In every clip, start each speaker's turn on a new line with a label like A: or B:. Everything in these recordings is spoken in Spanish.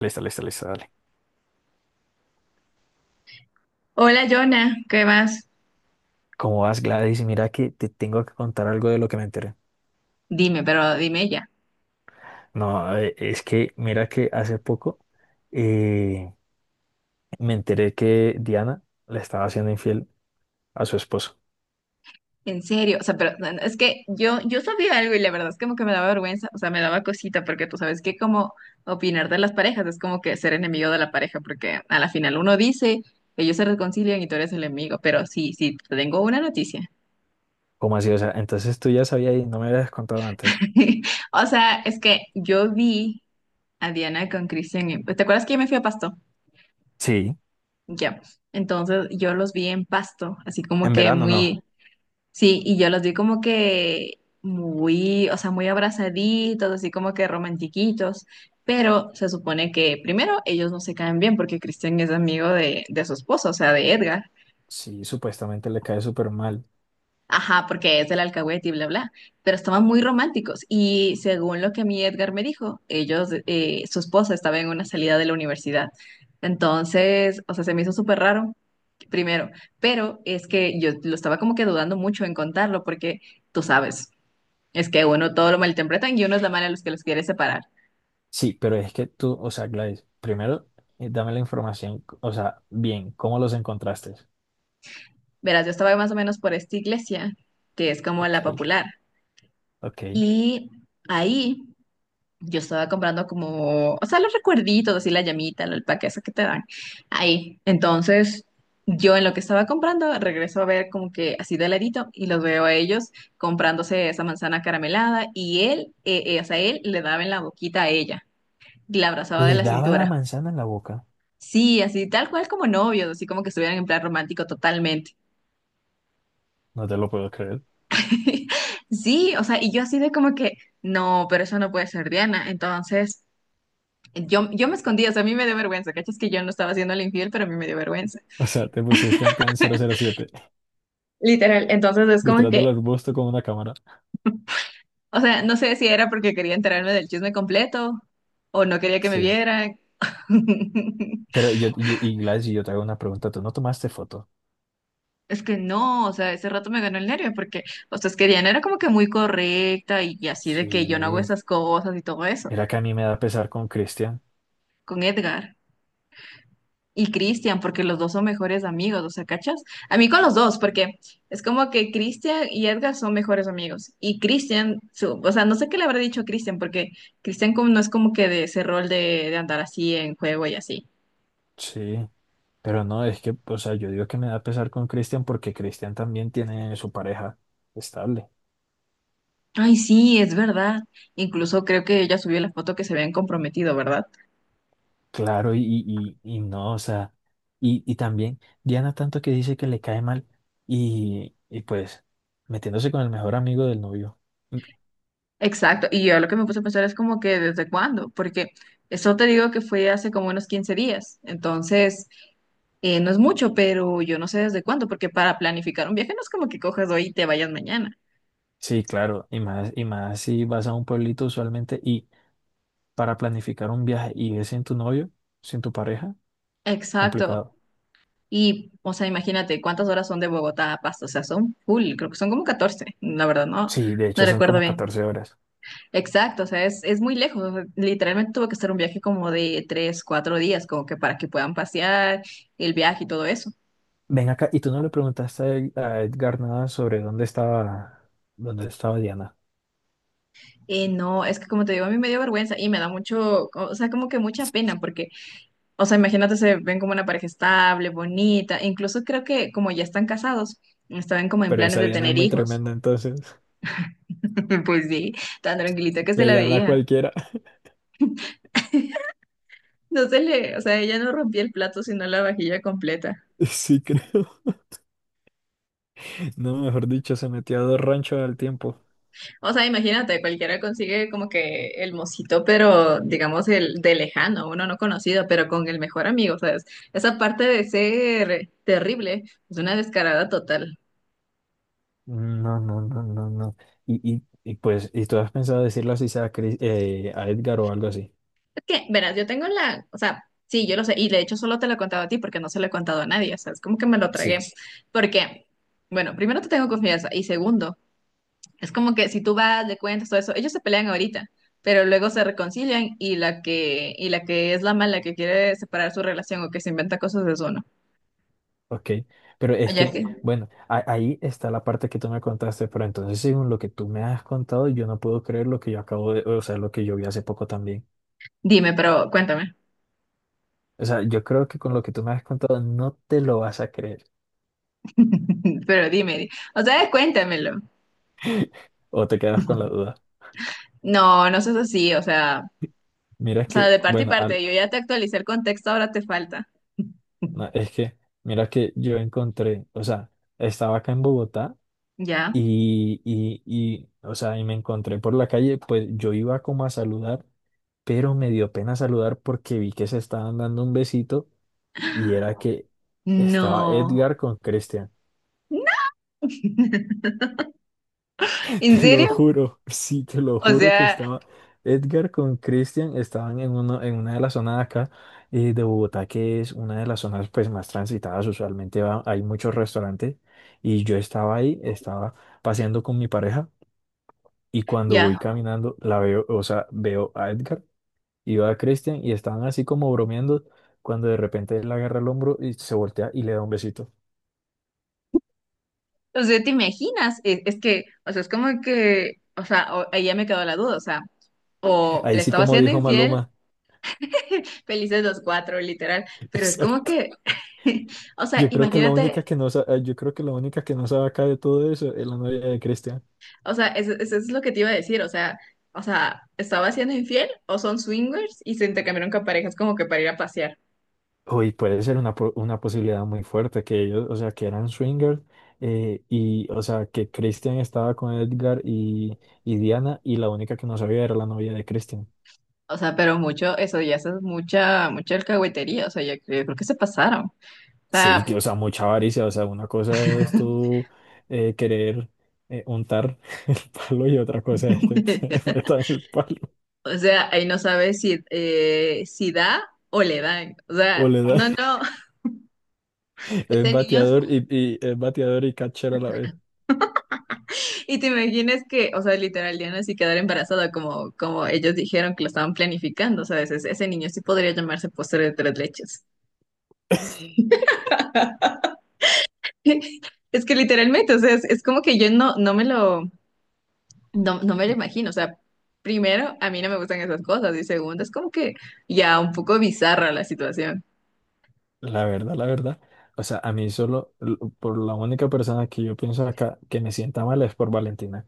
A: Listo, listo, listo, dale.
B: Hola, Jonah, ¿qué más?
A: ¿Cómo vas, Gladys? Mira que te tengo que contar algo de lo que me enteré.
B: Dime, pero dime ya.
A: No, es que mira que hace poco eh, me enteré que Diana le estaba haciendo infiel a su esposo.
B: En serio, o sea, pero no, no, es que yo sabía algo y la verdad es como que me daba vergüenza, o sea, me daba cosita, porque tú sabes que como opinar de las parejas es como que ser enemigo de la pareja, porque a la final uno dice, ellos se reconcilian y tú eres el enemigo, pero sí, sí, te tengo una noticia.
A: ¿Cómo así? O sea, entonces tú ya sabías y no me habías contado antes.
B: O sea, es que yo vi a Diana con Cristian, ¿te acuerdas que yo me fui a Pasto?
A: Sí,
B: Ya. Entonces yo los vi en Pasto, así como
A: en
B: que
A: verano no.
B: muy. Sí, y yo los vi como que muy, o sea, muy abrazaditos, así como que romantiquitos, pero se supone que primero ellos no se caen bien porque Cristian es amigo de su esposo, o sea, de Edgar.
A: Sí, supuestamente le cae súper mal.
B: Ajá, porque es del alcahuete y bla, bla, pero estaban muy románticos y según lo que a mí Edgar me dijo, ellos, su esposa estaba en una salida de la universidad. Entonces, o sea, se me hizo súper raro, primero, pero es que yo lo estaba como que dudando mucho en contarlo porque tú sabes. Es que uno todo lo malinterpretan y uno es la mala a los que los quiere separar.
A: Sí, pero es que tú, o sea, Gladys, primero dame la información, o sea, bien, ¿cómo los encontraste?
B: Verás, yo estaba más o menos por esta iglesia, que es como la
A: Ok,
B: popular.
A: ok.
B: Y ahí yo estaba comprando como, o sea, los recuerditos, así la llamita, el paquete eso que te dan. Ahí. Entonces, yo en lo que estaba comprando, regreso a ver como que así de ladito y los veo a ellos comprándose esa manzana caramelada y él, o sea, él le daba en la boquita a ella, y la abrazaba de
A: ¿Le
B: la
A: daba la
B: cintura.
A: manzana en la boca?
B: Sí, así tal cual como novios, así como que estuvieran en plan romántico totalmente.
A: No te lo puedo creer.
B: Sí, o sea, y yo así de como que, no, pero eso no puede ser Diana. Entonces, yo me escondía, o sea, a mí me dio vergüenza, ¿cachas? Que yo no estaba haciendo el infiel, pero a mí me dio vergüenza.
A: O sea, te pusiste en plan 007
B: Literal, entonces es como
A: detrás
B: que,
A: del arbusto con una cámara.
B: o sea, no sé si era porque quería enterarme del chisme completo o no quería que me
A: Sí.
B: vieran.
A: Pero y Gladys, yo te hago una pregunta. ¿Tú no tomaste foto?
B: Es que no, o sea, ese rato me ganó el nervio porque, o sea, es que Diana era como que muy correcta y así de que yo no hago
A: Sí.
B: esas cosas y todo eso
A: Mira que a mí me da pesar con Cristian.
B: con Edgar. Y Cristian, porque los dos son mejores amigos, o sea, ¿cachas? A mí con los dos, porque es como que Cristian y Edgar son mejores amigos. Y Cristian, o sea, no sé qué le habrá dicho a Cristian, porque Cristian no es como que de ese rol de andar así en juego y así.
A: Sí. Pero no, es que, o sea, yo digo que me da pesar con Cristian porque Cristian también tiene su pareja estable.
B: Ay, sí, es verdad. Incluso creo que ella subió la foto que se habían comprometido, ¿verdad?
A: Claro, y no, o sea, y también Diana tanto que dice que le cae mal y pues metiéndose con el mejor amigo del novio.
B: Exacto. Y yo lo que me puse a pensar es como que desde cuándo, porque eso te digo que fue hace como unos 15 días. Entonces. No es mucho, pero yo no sé desde cuándo, porque para planificar un viaje no es como que coges hoy y te vayas mañana.
A: Sí, claro, y más si vas a un pueblito usualmente y para planificar un viaje y es sin tu novio, sin tu pareja,
B: Exacto.
A: complicado.
B: Y, o sea, imagínate cuántas horas son de Bogotá a Pasto. O sea, son full, creo que son como 14. La verdad, no,
A: Sí, de
B: no
A: hecho son
B: recuerdo
A: como
B: bien.
A: 14 horas.
B: Exacto, o sea, es muy lejos. O sea, literalmente tuve que hacer un viaje como de 3 4 días, como que para que puedan pasear el viaje y todo eso.
A: Ven acá, y tú no le preguntaste a a Edgar nada sobre dónde estaba Diana.
B: No, es que como te digo, a mí me dio vergüenza y me da mucho, o sea, como que mucha pena, porque. O sea, imagínate, se ven como una pareja estable, bonita. E incluso creo que como ya están casados, estaban como en
A: Pero
B: planes
A: esa
B: de
A: Diana es
B: tener
A: muy
B: hijos.
A: tremenda, entonces
B: Pues sí, tan tranquilita que se
A: le
B: la
A: gana a
B: veía.
A: cualquiera.
B: No se le, o sea, ella no rompía el plato, sino la vajilla completa.
A: Sí, creo. No, mejor dicho, se metió a dos ranchos al tiempo.
B: O sea, imagínate, cualquiera consigue como que el mocito, pero digamos el de lejano, uno no conocido, pero con el mejor amigo, ¿sabes? Esa parte de ser terrible es una descarada total.
A: Mm, no, no, no, no, no. Y pues, ¿y tú has pensado decirlo así sea a a Edgar o algo así?
B: Que, verás, yo tengo la, o sea, sí, yo lo sé, y de hecho solo te lo he contado a ti porque no se lo he contado a nadie, o sea, es como que me lo tragué,
A: Sí.
B: porque, bueno, primero te tengo confianza y segundo, es como que si tú vas, le cuentas todo eso, ellos se pelean ahorita, pero luego se reconcilian y la que, es la mala que quiere separar su relación o que se inventa cosas es uno.
A: Ok, pero es
B: Oye,
A: que,
B: que,
A: bueno, ahí está la parte que tú me contaste, pero entonces según lo que tú me has contado, yo no puedo creer lo que yo acabo de, o sea, lo que yo vi hace poco también.
B: dime, pero cuéntame,
A: O sea, yo creo que con lo que tú me has contado no te lo vas a creer
B: pero dime, o sea, cuéntamelo.
A: o te quedas con la duda.
B: No, no seas así,
A: Mira
B: o sea,
A: que,
B: de parte y
A: bueno,
B: parte, yo ya te actualicé el contexto, ahora te falta.
A: no, es que, mira que yo encontré, o sea, estaba acá en Bogotá
B: ¿Ya?
A: o sea, y me encontré por la calle, pues yo iba como a saludar pero me dio pena saludar porque vi que se estaban dando un besito. Y era que estaba
B: No,
A: Edgar con Christian.
B: ¿en
A: Te lo
B: serio?
A: juro, sí, te lo
B: O
A: juro que
B: sea,
A: estaba Edgar con Christian. Estaban en, uno, en una de las zonas de acá de Bogotá, que es una de las zonas pues, más transitadas. Usualmente hay muchos restaurantes. Y yo estaba ahí, estaba paseando con mi pareja. Y cuando
B: ya,
A: voy caminando, la veo, o sea, veo a Edgar y veo a Christian y estaban así como bromeando. Cuando de repente él agarra el hombro y se voltea y le da un besito.
B: o sea, ¿te imaginas? Es que, o sea, es como que, o sea, ahí ya me quedó la duda, o sea, o
A: Ahí
B: le
A: sí,
B: estaba
A: como
B: siendo
A: dijo
B: infiel.
A: Maloma.
B: Felices los cuatro, literal, pero es como
A: Exacto.
B: que, o sea,
A: Yo creo que la
B: imagínate,
A: única que no yo creo que la única que no sabe acá de todo eso es la novia de Cristian.
B: o sea, eso, es lo que te iba a decir, o sea, estaba siendo infiel o son swingers y se intercambiaron con parejas como que para ir a pasear.
A: Uy, puede ser una, una posibilidad muy fuerte que ellos, o sea, que eran swingers o sea, que Christian estaba con Edgar y Diana y la única que no sabía era la novia de Christian.
B: O sea, pero mucho, eso ya eso es mucha, mucha alcahuetería, o sea, yo creo que se pasaron. O
A: Sí, que,
B: sea.
A: o sea, mucha avaricia, o sea, una cosa es tú querer untar el palo y otra cosa es que te metan el palo
B: O sea, ahí no sabe si, si da o le dan. O
A: o
B: sea,
A: le da
B: no, no.
A: es
B: Ese niños.
A: bateador y es bateador y catcher a la vez.
B: Y te imaginas que, o sea, literal, Diana sí quedar embarazada, como ellos dijeron que lo estaban planificando. O sea, ese, niño sí podría llamarse postre de tres leches. Es que literalmente, o sea, es como que yo no, no me lo imagino. O sea, primero, a mí no me gustan esas cosas. Y segundo, es como que ya un poco bizarra la situación.
A: La verdad, la verdad. O sea, a mí solo, por la única persona que yo pienso acá que me sienta mal es por Valentina.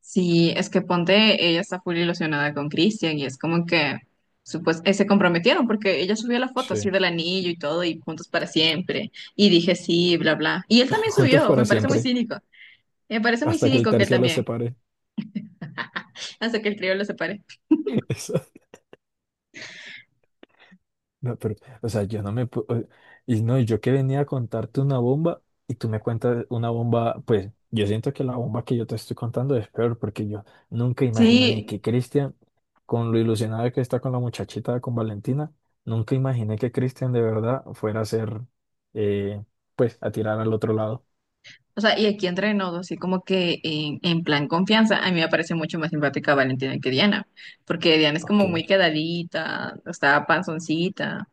B: Sí, es que ponte, ella está full ilusionada con Cristian y es como que se comprometieron porque ella subió la foto
A: Sí.
B: así del anillo y todo y juntos para siempre. Y dije sí, bla, bla. Y él también
A: Juntos
B: subió,
A: para
B: me parece muy
A: siempre,
B: cínico. Me parece muy
A: hasta que el
B: cínico que él
A: tercio los
B: también,
A: separe.
B: hasta que el trío lo separe.
A: Eso. No, pero, o sea, yo no y no, y yo que venía a contarte una bomba y tú me cuentas una bomba, pues yo siento que la bomba que yo te estoy contando es peor porque yo nunca imaginé
B: Sí,
A: que Cristian, con lo ilusionado que está con la muchachita, con Valentina, nunca imaginé que Cristian de verdad fuera a ser, eh, pues, a tirar al otro lado.
B: o sea, y aquí entre nos, así como que en plan confianza, a mí me parece mucho más simpática Valentina que Diana, porque Diana es
A: Ok.
B: como muy quedadita, o sea, panzoncita.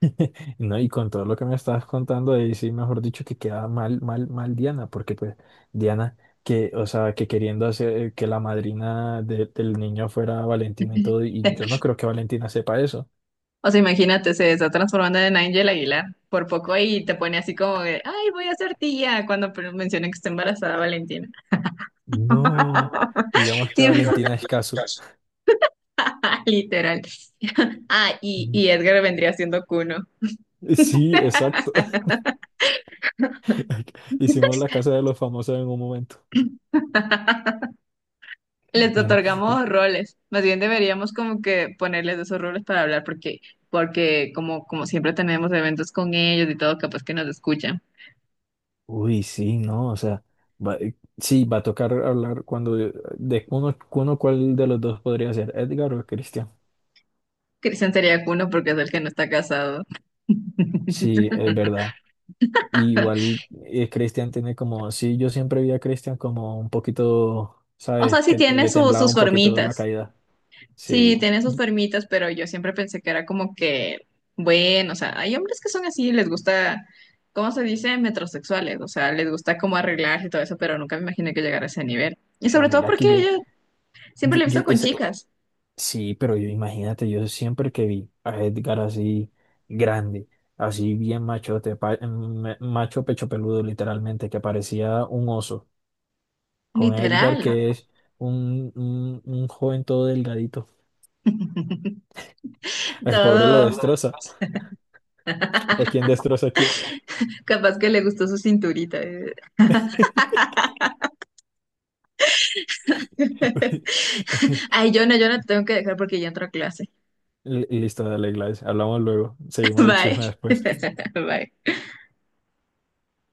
A: No, y con todo lo que me estabas contando ahí, sí, mejor dicho, que queda mal, mal, mal Diana, porque pues Diana, que, o sea, que queriendo hacer que la madrina del niño fuera Valentina y todo, y yo no creo que Valentina sepa eso.
B: O sea, imagínate, se está transformando en Ángel Aguilar por poco y te pone así como de, ay, voy a ser tía cuando menciona que está embarazada Valentina.
A: No, digamos que
B: Sí,
A: Valentina es caso.
B: literal. Ah, y,
A: Mm.
B: y Edgar vendría siendo Cuno.
A: Sí, exacto. Hicimos la casa de los famosos en un momento.
B: Les
A: No.
B: otorgamos roles. Más bien deberíamos como que ponerles esos roles para hablar porque, porque como siempre tenemos eventos con ellos y todo, capaz que nos escuchan.
A: Uy, sí, no, o sea, sí, va a tocar hablar cuando, de uno, uno cuál de los dos podría ser, Edgar o Cristian.
B: Cristian sería Cuno porque es el que no está casado.
A: Sí, es verdad. Y igual Christian tiene como, sí, yo siempre vi a Christian como un poquito,
B: O sea,
A: ¿sabes?
B: sí
A: Que
B: tiene
A: le temblaba
B: sus
A: un poquito la
B: formitas.
A: caída.
B: Sí,
A: Sí,
B: tiene sus
A: Y-
B: formitas, pero yo siempre pensé que era como que, bueno, o sea, hay hombres que son así, les gusta, ¿cómo se dice? Metrosexuales, o sea, les gusta como arreglarse y todo eso, pero nunca me imaginé que llegara a ese nivel. Y
A: pero
B: sobre todo
A: mira
B: porque
A: que
B: yo siempre
A: yo,
B: lo he
A: yo-
B: visto con
A: esa-
B: chicas,
A: sí, pero yo imagínate, yo siempre que vi a Edgar así grande, así bien machote, macho pecho peludo literalmente, que parecía un oso, con Edgar
B: literal,
A: que es un joven todo delgadito. El pobre lo
B: todo,
A: destroza, o quién destroza a quién.
B: capaz que le gustó su cinturita. Ay, yo no te tengo que dejar porque ya entro a clase.
A: Listo, dale, Gladys. Hablamos luego. Seguimos el
B: Bye.
A: chisme después.
B: Bye.